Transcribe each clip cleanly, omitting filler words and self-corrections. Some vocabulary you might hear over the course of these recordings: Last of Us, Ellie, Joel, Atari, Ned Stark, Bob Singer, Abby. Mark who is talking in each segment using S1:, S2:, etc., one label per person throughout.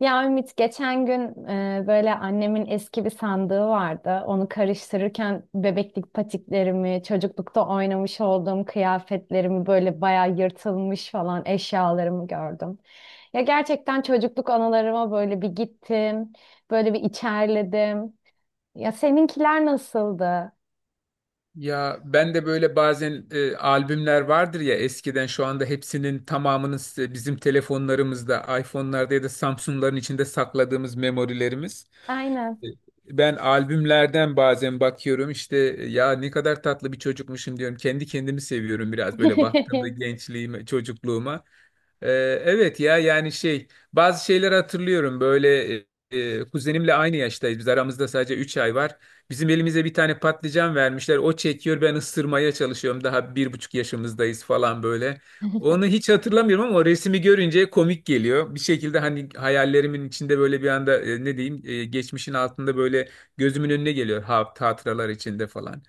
S1: Ya Ümit geçen gün böyle annemin eski bir sandığı vardı. Onu karıştırırken bebeklik patiklerimi, çocuklukta oynamış olduğum kıyafetlerimi böyle bayağı yırtılmış falan eşyalarımı gördüm. Ya gerçekten çocukluk anılarıma böyle bir gittim, böyle bir içerledim. Ya seninkiler nasıldı?
S2: Ya ben de böyle bazen albümler vardır ya eskiden şu anda hepsinin tamamının bizim telefonlarımızda, iPhone'larda ya da Samsung'ların içinde sakladığımız memorilerimiz.
S1: Aynen.
S2: E, Ben albümlerden bazen bakıyorum işte, ya ne kadar tatlı bir çocukmuşum diyorum. Kendi kendimi seviyorum biraz böyle baktığımda gençliğime, çocukluğuma. Ee, evet ya, yani şey, bazı şeyler hatırlıyorum böyle, kuzenimle aynı yaştayız, biz aramızda sadece 3 ay var. Bizim elimize bir tane patlıcan vermişler, o çekiyor, ben ısırmaya çalışıyorum, daha 1,5 yaşımızdayız falan böyle. Onu hiç hatırlamıyorum ama o resmi görünce komik geliyor. Bir şekilde hani hayallerimin içinde böyle bir anda ne diyeyim, geçmişin altında böyle gözümün önüne geliyor, hatıralar içinde falan.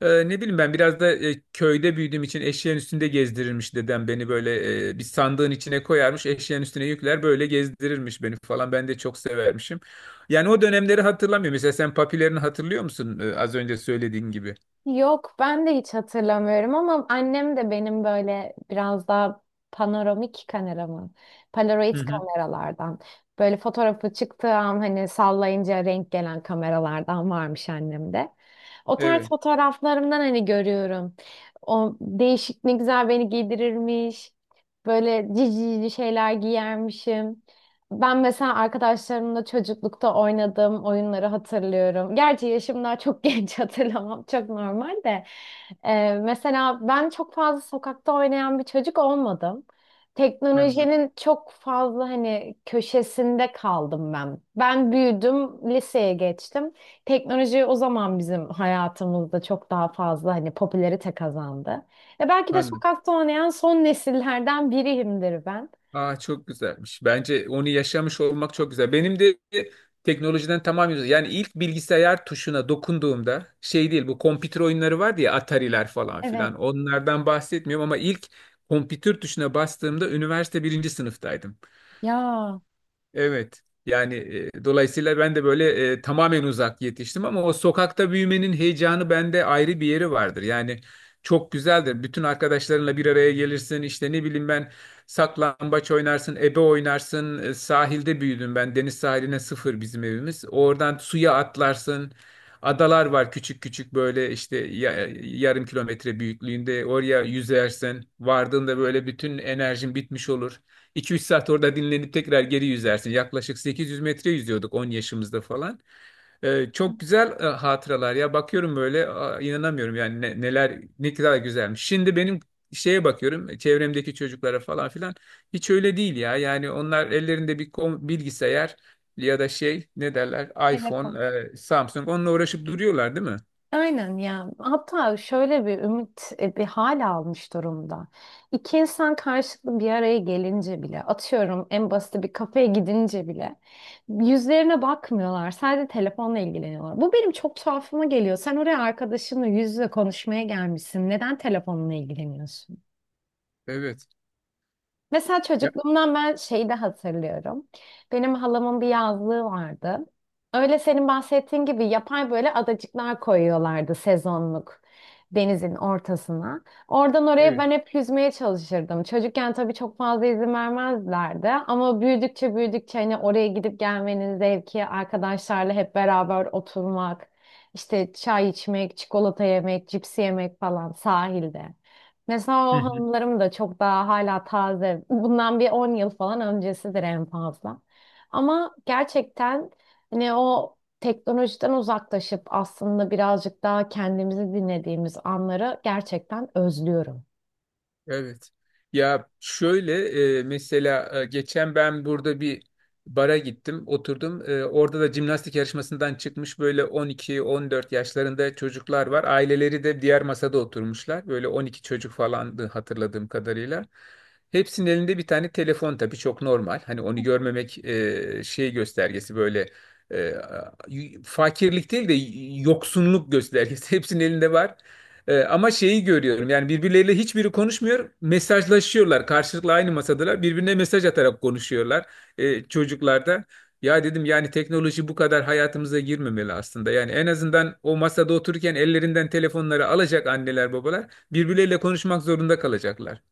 S2: Ne bileyim, ben biraz da köyde büyüdüğüm için eşeğin üstünde gezdirirmiş dedem beni böyle, bir sandığın içine koyarmış, eşeğin üstüne yükler böyle gezdirirmiş beni falan, ben de çok severmişim. Yani o dönemleri hatırlamıyorum. Mesela sen papilerini hatırlıyor musun? Az önce söylediğin gibi.
S1: Yok, ben de hiç hatırlamıyorum ama annem de benim böyle biraz daha panoramik kamera mı?
S2: Hı
S1: Polaroid
S2: hı.
S1: kameralardan. Böyle fotoğrafı çıktığı an hani sallayınca renk gelen kameralardan varmış annemde. O tarz
S2: Evet.
S1: fotoğraflarımdan hani görüyorum. O değişik ne güzel beni giydirirmiş. Böyle cici cici şeyler giyermişim. Ben mesela arkadaşlarımla çocuklukta oynadığım oyunları hatırlıyorum. Gerçi yaşım daha çok genç, hatırlamam çok normal de. Mesela ben çok fazla sokakta oynayan bir çocuk olmadım.
S2: Anladım.
S1: Teknolojinin çok fazla hani köşesinde kaldım ben. Ben büyüdüm, liseye geçtim. Teknoloji o zaman bizim hayatımızda çok daha fazla hani popülerite kazandı. E, belki de
S2: Anladım.
S1: sokakta oynayan son nesillerden biriyimdir ben.
S2: Aa, çok güzelmiş. Bence onu yaşamış olmak çok güzel. Benim de teknolojiden tamamen uzak. Yani ilk bilgisayar tuşuna dokunduğumda, şey değil, bu kompütür oyunları vardı ya, Atari'ler falan
S1: Evet.
S2: filan. Onlardan bahsetmiyorum ama ilk kompütür tuşuna bastığımda üniversite birinci sınıftaydım.
S1: Ya.
S2: Evet. Yani dolayısıyla ben de böyle tamamen uzak yetiştim, ama o sokakta büyümenin heyecanı bende ayrı bir yeri vardır. Yani çok güzeldir. Bütün arkadaşlarınla bir araya gelirsin. İşte ne bileyim ben, saklambaç oynarsın, ebe oynarsın. Sahilde büyüdüm ben. Deniz sahiline sıfır bizim evimiz. Oradan suya atlarsın. Adalar var küçük küçük böyle işte, 0,5 kilometre büyüklüğünde. Oraya yüzersin. Vardığında böyle bütün enerjin bitmiş olur. 2-3 saat orada dinlenip tekrar geri yüzersin. Yaklaşık 800 metre yüzüyorduk 10 yaşımızda falan. Çok güzel hatıralar ya. Bakıyorum böyle, inanamıyorum yani, neler ne kadar güzelmiş. Şimdi benim şeye bakıyorum, çevremdeki çocuklara falan filan, hiç öyle değil ya. Yani onlar ellerinde bir bilgisayar ya da şey ne derler,
S1: Telefon.
S2: iPhone, Samsung, onunla uğraşıp duruyorlar, değil mi?
S1: Aynen ya. Hatta şöyle bir ümit bir hal almış durumda. İki insan karşılıklı bir araya gelince bile, atıyorum en basit bir kafeye gidince bile yüzlerine bakmıyorlar. Sadece telefonla ilgileniyorlar. Bu benim çok tuhafıma geliyor. Sen oraya arkadaşınla yüz yüze konuşmaya gelmişsin. Neden telefonla ilgileniyorsun?
S2: Evet.
S1: Mesela
S2: Ya,
S1: çocukluğumdan ben şeyi de hatırlıyorum. Benim halamın bir yazlığı vardı. Öyle senin bahsettiğin gibi yapay böyle adacıklar koyuyorlardı sezonluk denizin ortasına. Oradan oraya
S2: evet.
S1: ben hep yüzmeye çalışırdım. Çocukken tabii çok fazla izin vermezlerdi ama büyüdükçe büyüdükçe hani oraya gidip gelmenin zevki, arkadaşlarla hep beraber oturmak, işte çay içmek, çikolata yemek, cipsi yemek falan sahilde. Mesela
S2: Hı
S1: o
S2: hı.
S1: hanımlarım da çok daha hala taze. Bundan bir 10 yıl falan öncesidir en fazla. Ama gerçekten hani o teknolojiden uzaklaşıp aslında birazcık daha kendimizi dinlediğimiz anları gerçekten özlüyorum.
S2: Evet. Ya şöyle, mesela geçen ben burada bir bara gittim, oturdum. Orada da jimnastik yarışmasından çıkmış böyle 12-14 yaşlarında çocuklar var. Aileleri de diğer masada oturmuşlar. Böyle 12 çocuk falandı hatırladığım kadarıyla. Hepsinin elinde bir tane telefon, tabii çok normal. Hani onu görmemek şey göstergesi böyle, e, fakirlik değil de yoksunluk göstergesi. Hepsinin elinde var. Ama şeyi görüyorum yani, birbirleriyle hiçbiri konuşmuyor, mesajlaşıyorlar karşılıklı, aynı masadalar, birbirine mesaj atarak konuşuyorlar çocuklar da. Ya dedim, yani teknoloji bu kadar hayatımıza girmemeli aslında, yani en azından o masada otururken ellerinden telefonları alacak, anneler babalar birbirleriyle konuşmak zorunda kalacaklar,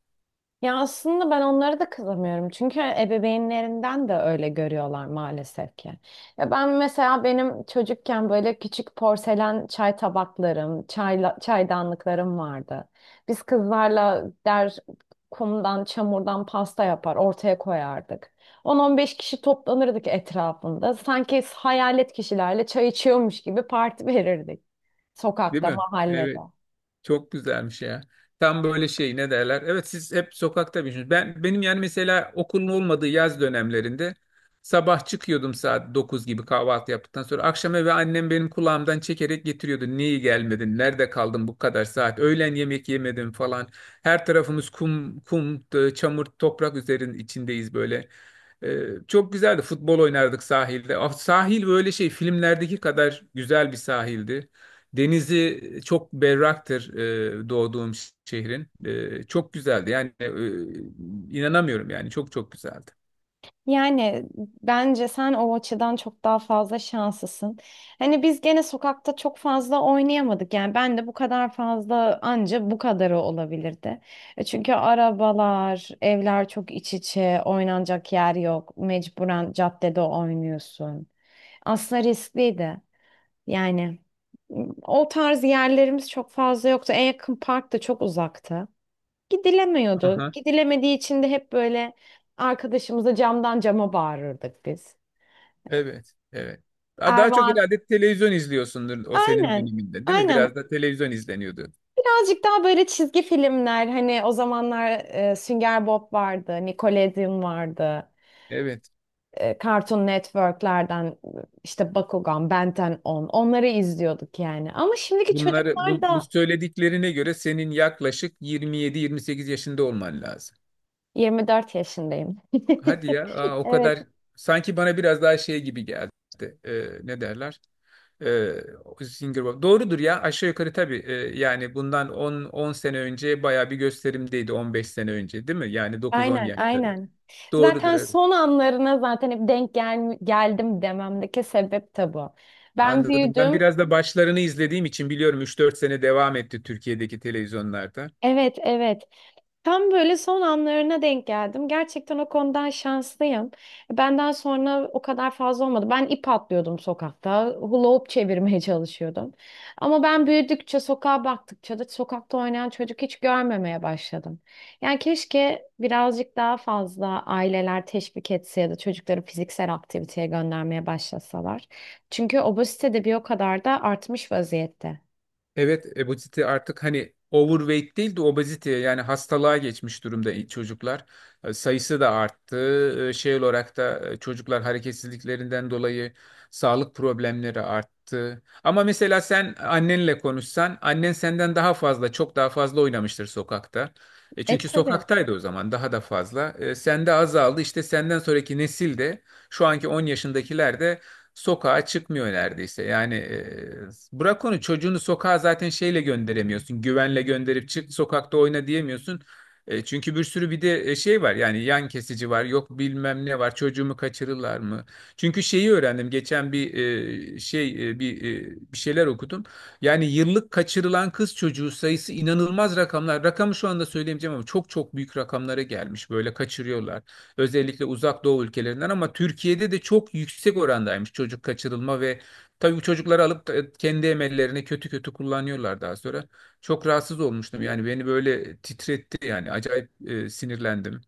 S1: Ya aslında ben onlara da kızamıyorum, çünkü ebeveynlerinden de öyle görüyorlar maalesef ki. Ya ben mesela benim çocukken böyle küçük porselen çay tabaklarım, çayla, çaydanlıklarım vardı. Biz kızlarla der kumdan, çamurdan pasta yapar, ortaya koyardık. 10-15 kişi toplanırdık etrafında. Sanki hayalet kişilerle çay içiyormuş gibi parti verirdik.
S2: değil
S1: Sokakta,
S2: mi?
S1: mahallede.
S2: Evet. Çok güzelmiş ya. Tam böyle şey ne derler? Evet, siz hep sokakta büyüdünüz. Ben, benim yani mesela okulun olmadığı yaz dönemlerinde sabah çıkıyordum saat 9 gibi, kahvaltı yaptıktan sonra akşam eve annem benim kulağımdan çekerek getiriyordu. Niye gelmedin? Nerede kaldın bu kadar saat? Öğlen yemek yemedim falan. Her tarafımız kum, kum, çamur, toprak üzerinin içindeyiz böyle. Çok güzeldi. Futbol oynardık sahilde. Ah, sahil böyle şey, filmlerdeki kadar güzel bir sahildi. Denizi çok berraktır doğduğum şehrin. Çok güzeldi. Yani inanamıyorum yani, çok çok güzeldi.
S1: Yani bence sen o açıdan çok daha fazla şanslısın. Hani biz gene sokakta çok fazla oynayamadık. Yani ben de bu kadar fazla anca bu kadarı olabilirdi. E, çünkü arabalar, evler çok iç içe, oynanacak yer yok. Mecburen caddede oynuyorsun. Aslında riskliydi. Yani o tarz yerlerimiz çok fazla yoktu. En yakın park da çok uzaktı. Gidilemiyordu.
S2: Aha,
S1: Gidilemediği için de hep böyle arkadaşımıza camdan cama bağırırdık biz.
S2: evet, evet. Daha daha
S1: Erva
S2: çok herhalde televizyon izliyorsundur o senin
S1: aynen.
S2: döneminde, değil mi?
S1: Aynen.
S2: Biraz da televizyon izleniyordu.
S1: Birazcık daha böyle çizgi filmler hani o zamanlar Sünger Bob vardı, Nickelodeon vardı.
S2: Evet.
S1: Cartoon Network'lerden işte Bakugan, Ben on onları izliyorduk yani. Ama şimdiki
S2: Bunları,
S1: çocuklar
S2: bu
S1: da
S2: söylediklerine göre senin yaklaşık 27-28 yaşında olman lazım.
S1: 24 yaşındayım.
S2: Hadi ya, aa, o
S1: Evet.
S2: kadar sanki bana biraz daha şey gibi geldi. Ne derler? Singer Bob. Doğrudur ya, aşağı yukarı tabii. Yani bundan 10 sene önce bayağı bir gösterimdeydi, 15 sene önce, değil mi? Yani 9-10
S1: Aynen,
S2: yaşları.
S1: aynen.
S2: Doğrudur,
S1: Zaten
S2: evet.
S1: son anlarına zaten hep denk geldim dememdeki sebep de bu. Ben
S2: Anladım. Ben
S1: büyüdüm.
S2: biraz da başlarını izlediğim için biliyorum, 3-4 sene devam etti Türkiye'deki televizyonlarda.
S1: Evet, evet. Tam böyle son anlarına denk geldim. Gerçekten o konudan şanslıyım. Benden sonra o kadar fazla olmadı. Ben ip atlıyordum sokakta. Hula hoop çevirmeye çalışıyordum. Ama ben büyüdükçe, sokağa baktıkça da sokakta oynayan çocuk hiç görmemeye başladım. Yani keşke birazcık daha fazla aileler teşvik etse ya da çocukları fiziksel aktiviteye göndermeye başlasalar. Çünkü obezite de bir o kadar da artmış vaziyette.
S2: Evet, obezite artık hani overweight değil de obezite, yani hastalığa geçmiş durumda çocuklar. Sayısı da arttı. Şey olarak da çocuklar hareketsizliklerinden dolayı sağlık problemleri arttı. Ama mesela sen annenle konuşsan, annen senden daha fazla, çok daha fazla oynamıştır sokakta.
S1: E,
S2: Çünkü
S1: tabii.
S2: sokaktaydı o zaman daha da fazla. Sende azaldı. İşte senden sonraki nesil de, şu anki 10 yaşındakiler de sokağa çıkmıyor neredeyse. Yani bırak onu, çocuğunu sokağa zaten şeyle gönderemiyorsun. Güvenle gönderip çık sokakta oyna diyemiyorsun. Çünkü bir sürü bir de şey var yani, yan kesici var, yok bilmem ne var, çocuğumu kaçırırlar mı? Çünkü şeyi öğrendim geçen bir e, şey e, bir şeyler okudum. Yani yıllık kaçırılan kız çocuğu sayısı inanılmaz rakamlar. Rakamı şu anda söyleyemeyeceğim ama çok çok büyük rakamlara gelmiş, böyle kaçırıyorlar. Özellikle uzak doğu ülkelerinden, ama Türkiye'de de çok yüksek orandaymış çocuk kaçırılma ve tabii bu çocukları alıp da kendi emellerine kötü kötü kullanıyorlar daha sonra. Çok rahatsız olmuştum yani, beni böyle titretti yani, acayip sinirlendim.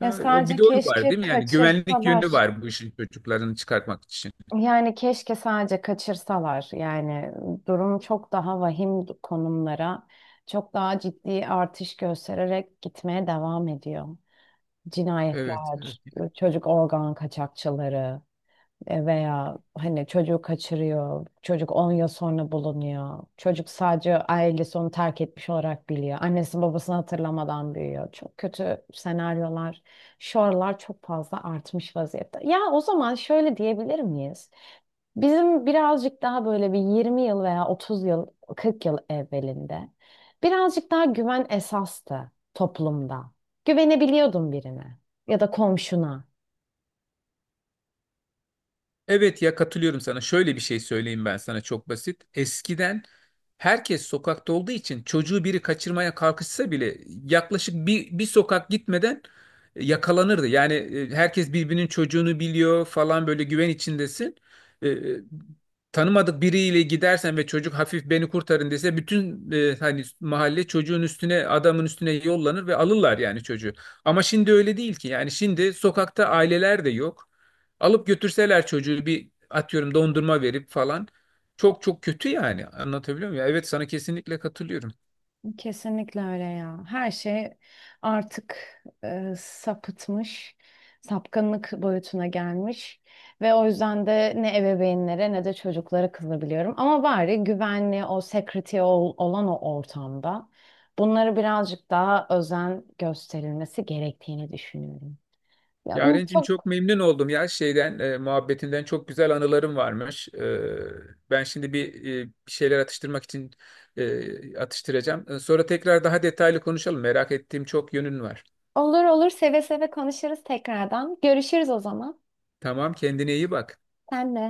S2: O bir
S1: sadece
S2: de o var,
S1: keşke
S2: değil mi? Yani güvenlik yönü
S1: kaçırsalar.
S2: var bu işin, çocuklarını çıkartmak için.
S1: Yani keşke sadece kaçırsalar. Yani durum çok daha vahim konumlara, çok daha ciddi artış göstererek gitmeye devam ediyor.
S2: Evet, evet.
S1: Cinayetler, çocuk organ kaçakçıları. E, veya hani çocuğu kaçırıyor, çocuk 10 yıl sonra bulunuyor. Çocuk sadece ailesi onu terk etmiş olarak biliyor. Annesi babasını hatırlamadan büyüyor. Çok kötü senaryolar, şu aralar çok fazla artmış vaziyette. Ya o zaman şöyle diyebilir miyiz? Bizim birazcık daha böyle bir 20 yıl veya 30 yıl, 40 yıl evvelinde birazcık daha güven esastı toplumda. Güvenebiliyordun birine ya da komşuna.
S2: Evet ya, katılıyorum sana. Şöyle bir şey söyleyeyim ben sana, çok basit. Eskiden herkes sokakta olduğu için çocuğu biri kaçırmaya kalkışsa bile yaklaşık bir sokak gitmeden yakalanırdı. Yani herkes birbirinin çocuğunu biliyor falan, böyle güven içindesin. E, e, Tanımadık biriyle gidersen ve çocuk hafif beni kurtarın dese, bütün hani mahalle çocuğun üstüne, adamın üstüne yollanır ve alırlar yani çocuğu. Ama şimdi öyle değil ki. Yani şimdi sokakta aileler de yok. Alıp götürseler çocuğu, bir atıyorum dondurma verip falan. Çok çok kötü yani. Anlatabiliyor muyum? Ya, evet, sana kesinlikle katılıyorum.
S1: Kesinlikle öyle ya. Her şey artık sapıtmış, sapkınlık boyutuna gelmiş ve o yüzden de ne ebeveynlere ne de çocuklara kızabiliyorum. Ama bari güvenli o security olan o ortamda bunları birazcık daha özen gösterilmesi gerektiğini düşünüyorum. Ya,
S2: Yarencim
S1: çok
S2: çok memnun oldum ya şeyden, muhabbetinden, çok güzel anılarım varmış. Ben şimdi bir şeyler atıştırmak için atıştıracağım. Sonra tekrar daha detaylı konuşalım. Merak ettiğim çok yönün var.
S1: olur olur, seve seve konuşuruz tekrardan. Görüşürüz o zaman.
S2: Tamam, kendine iyi bak.
S1: Senle.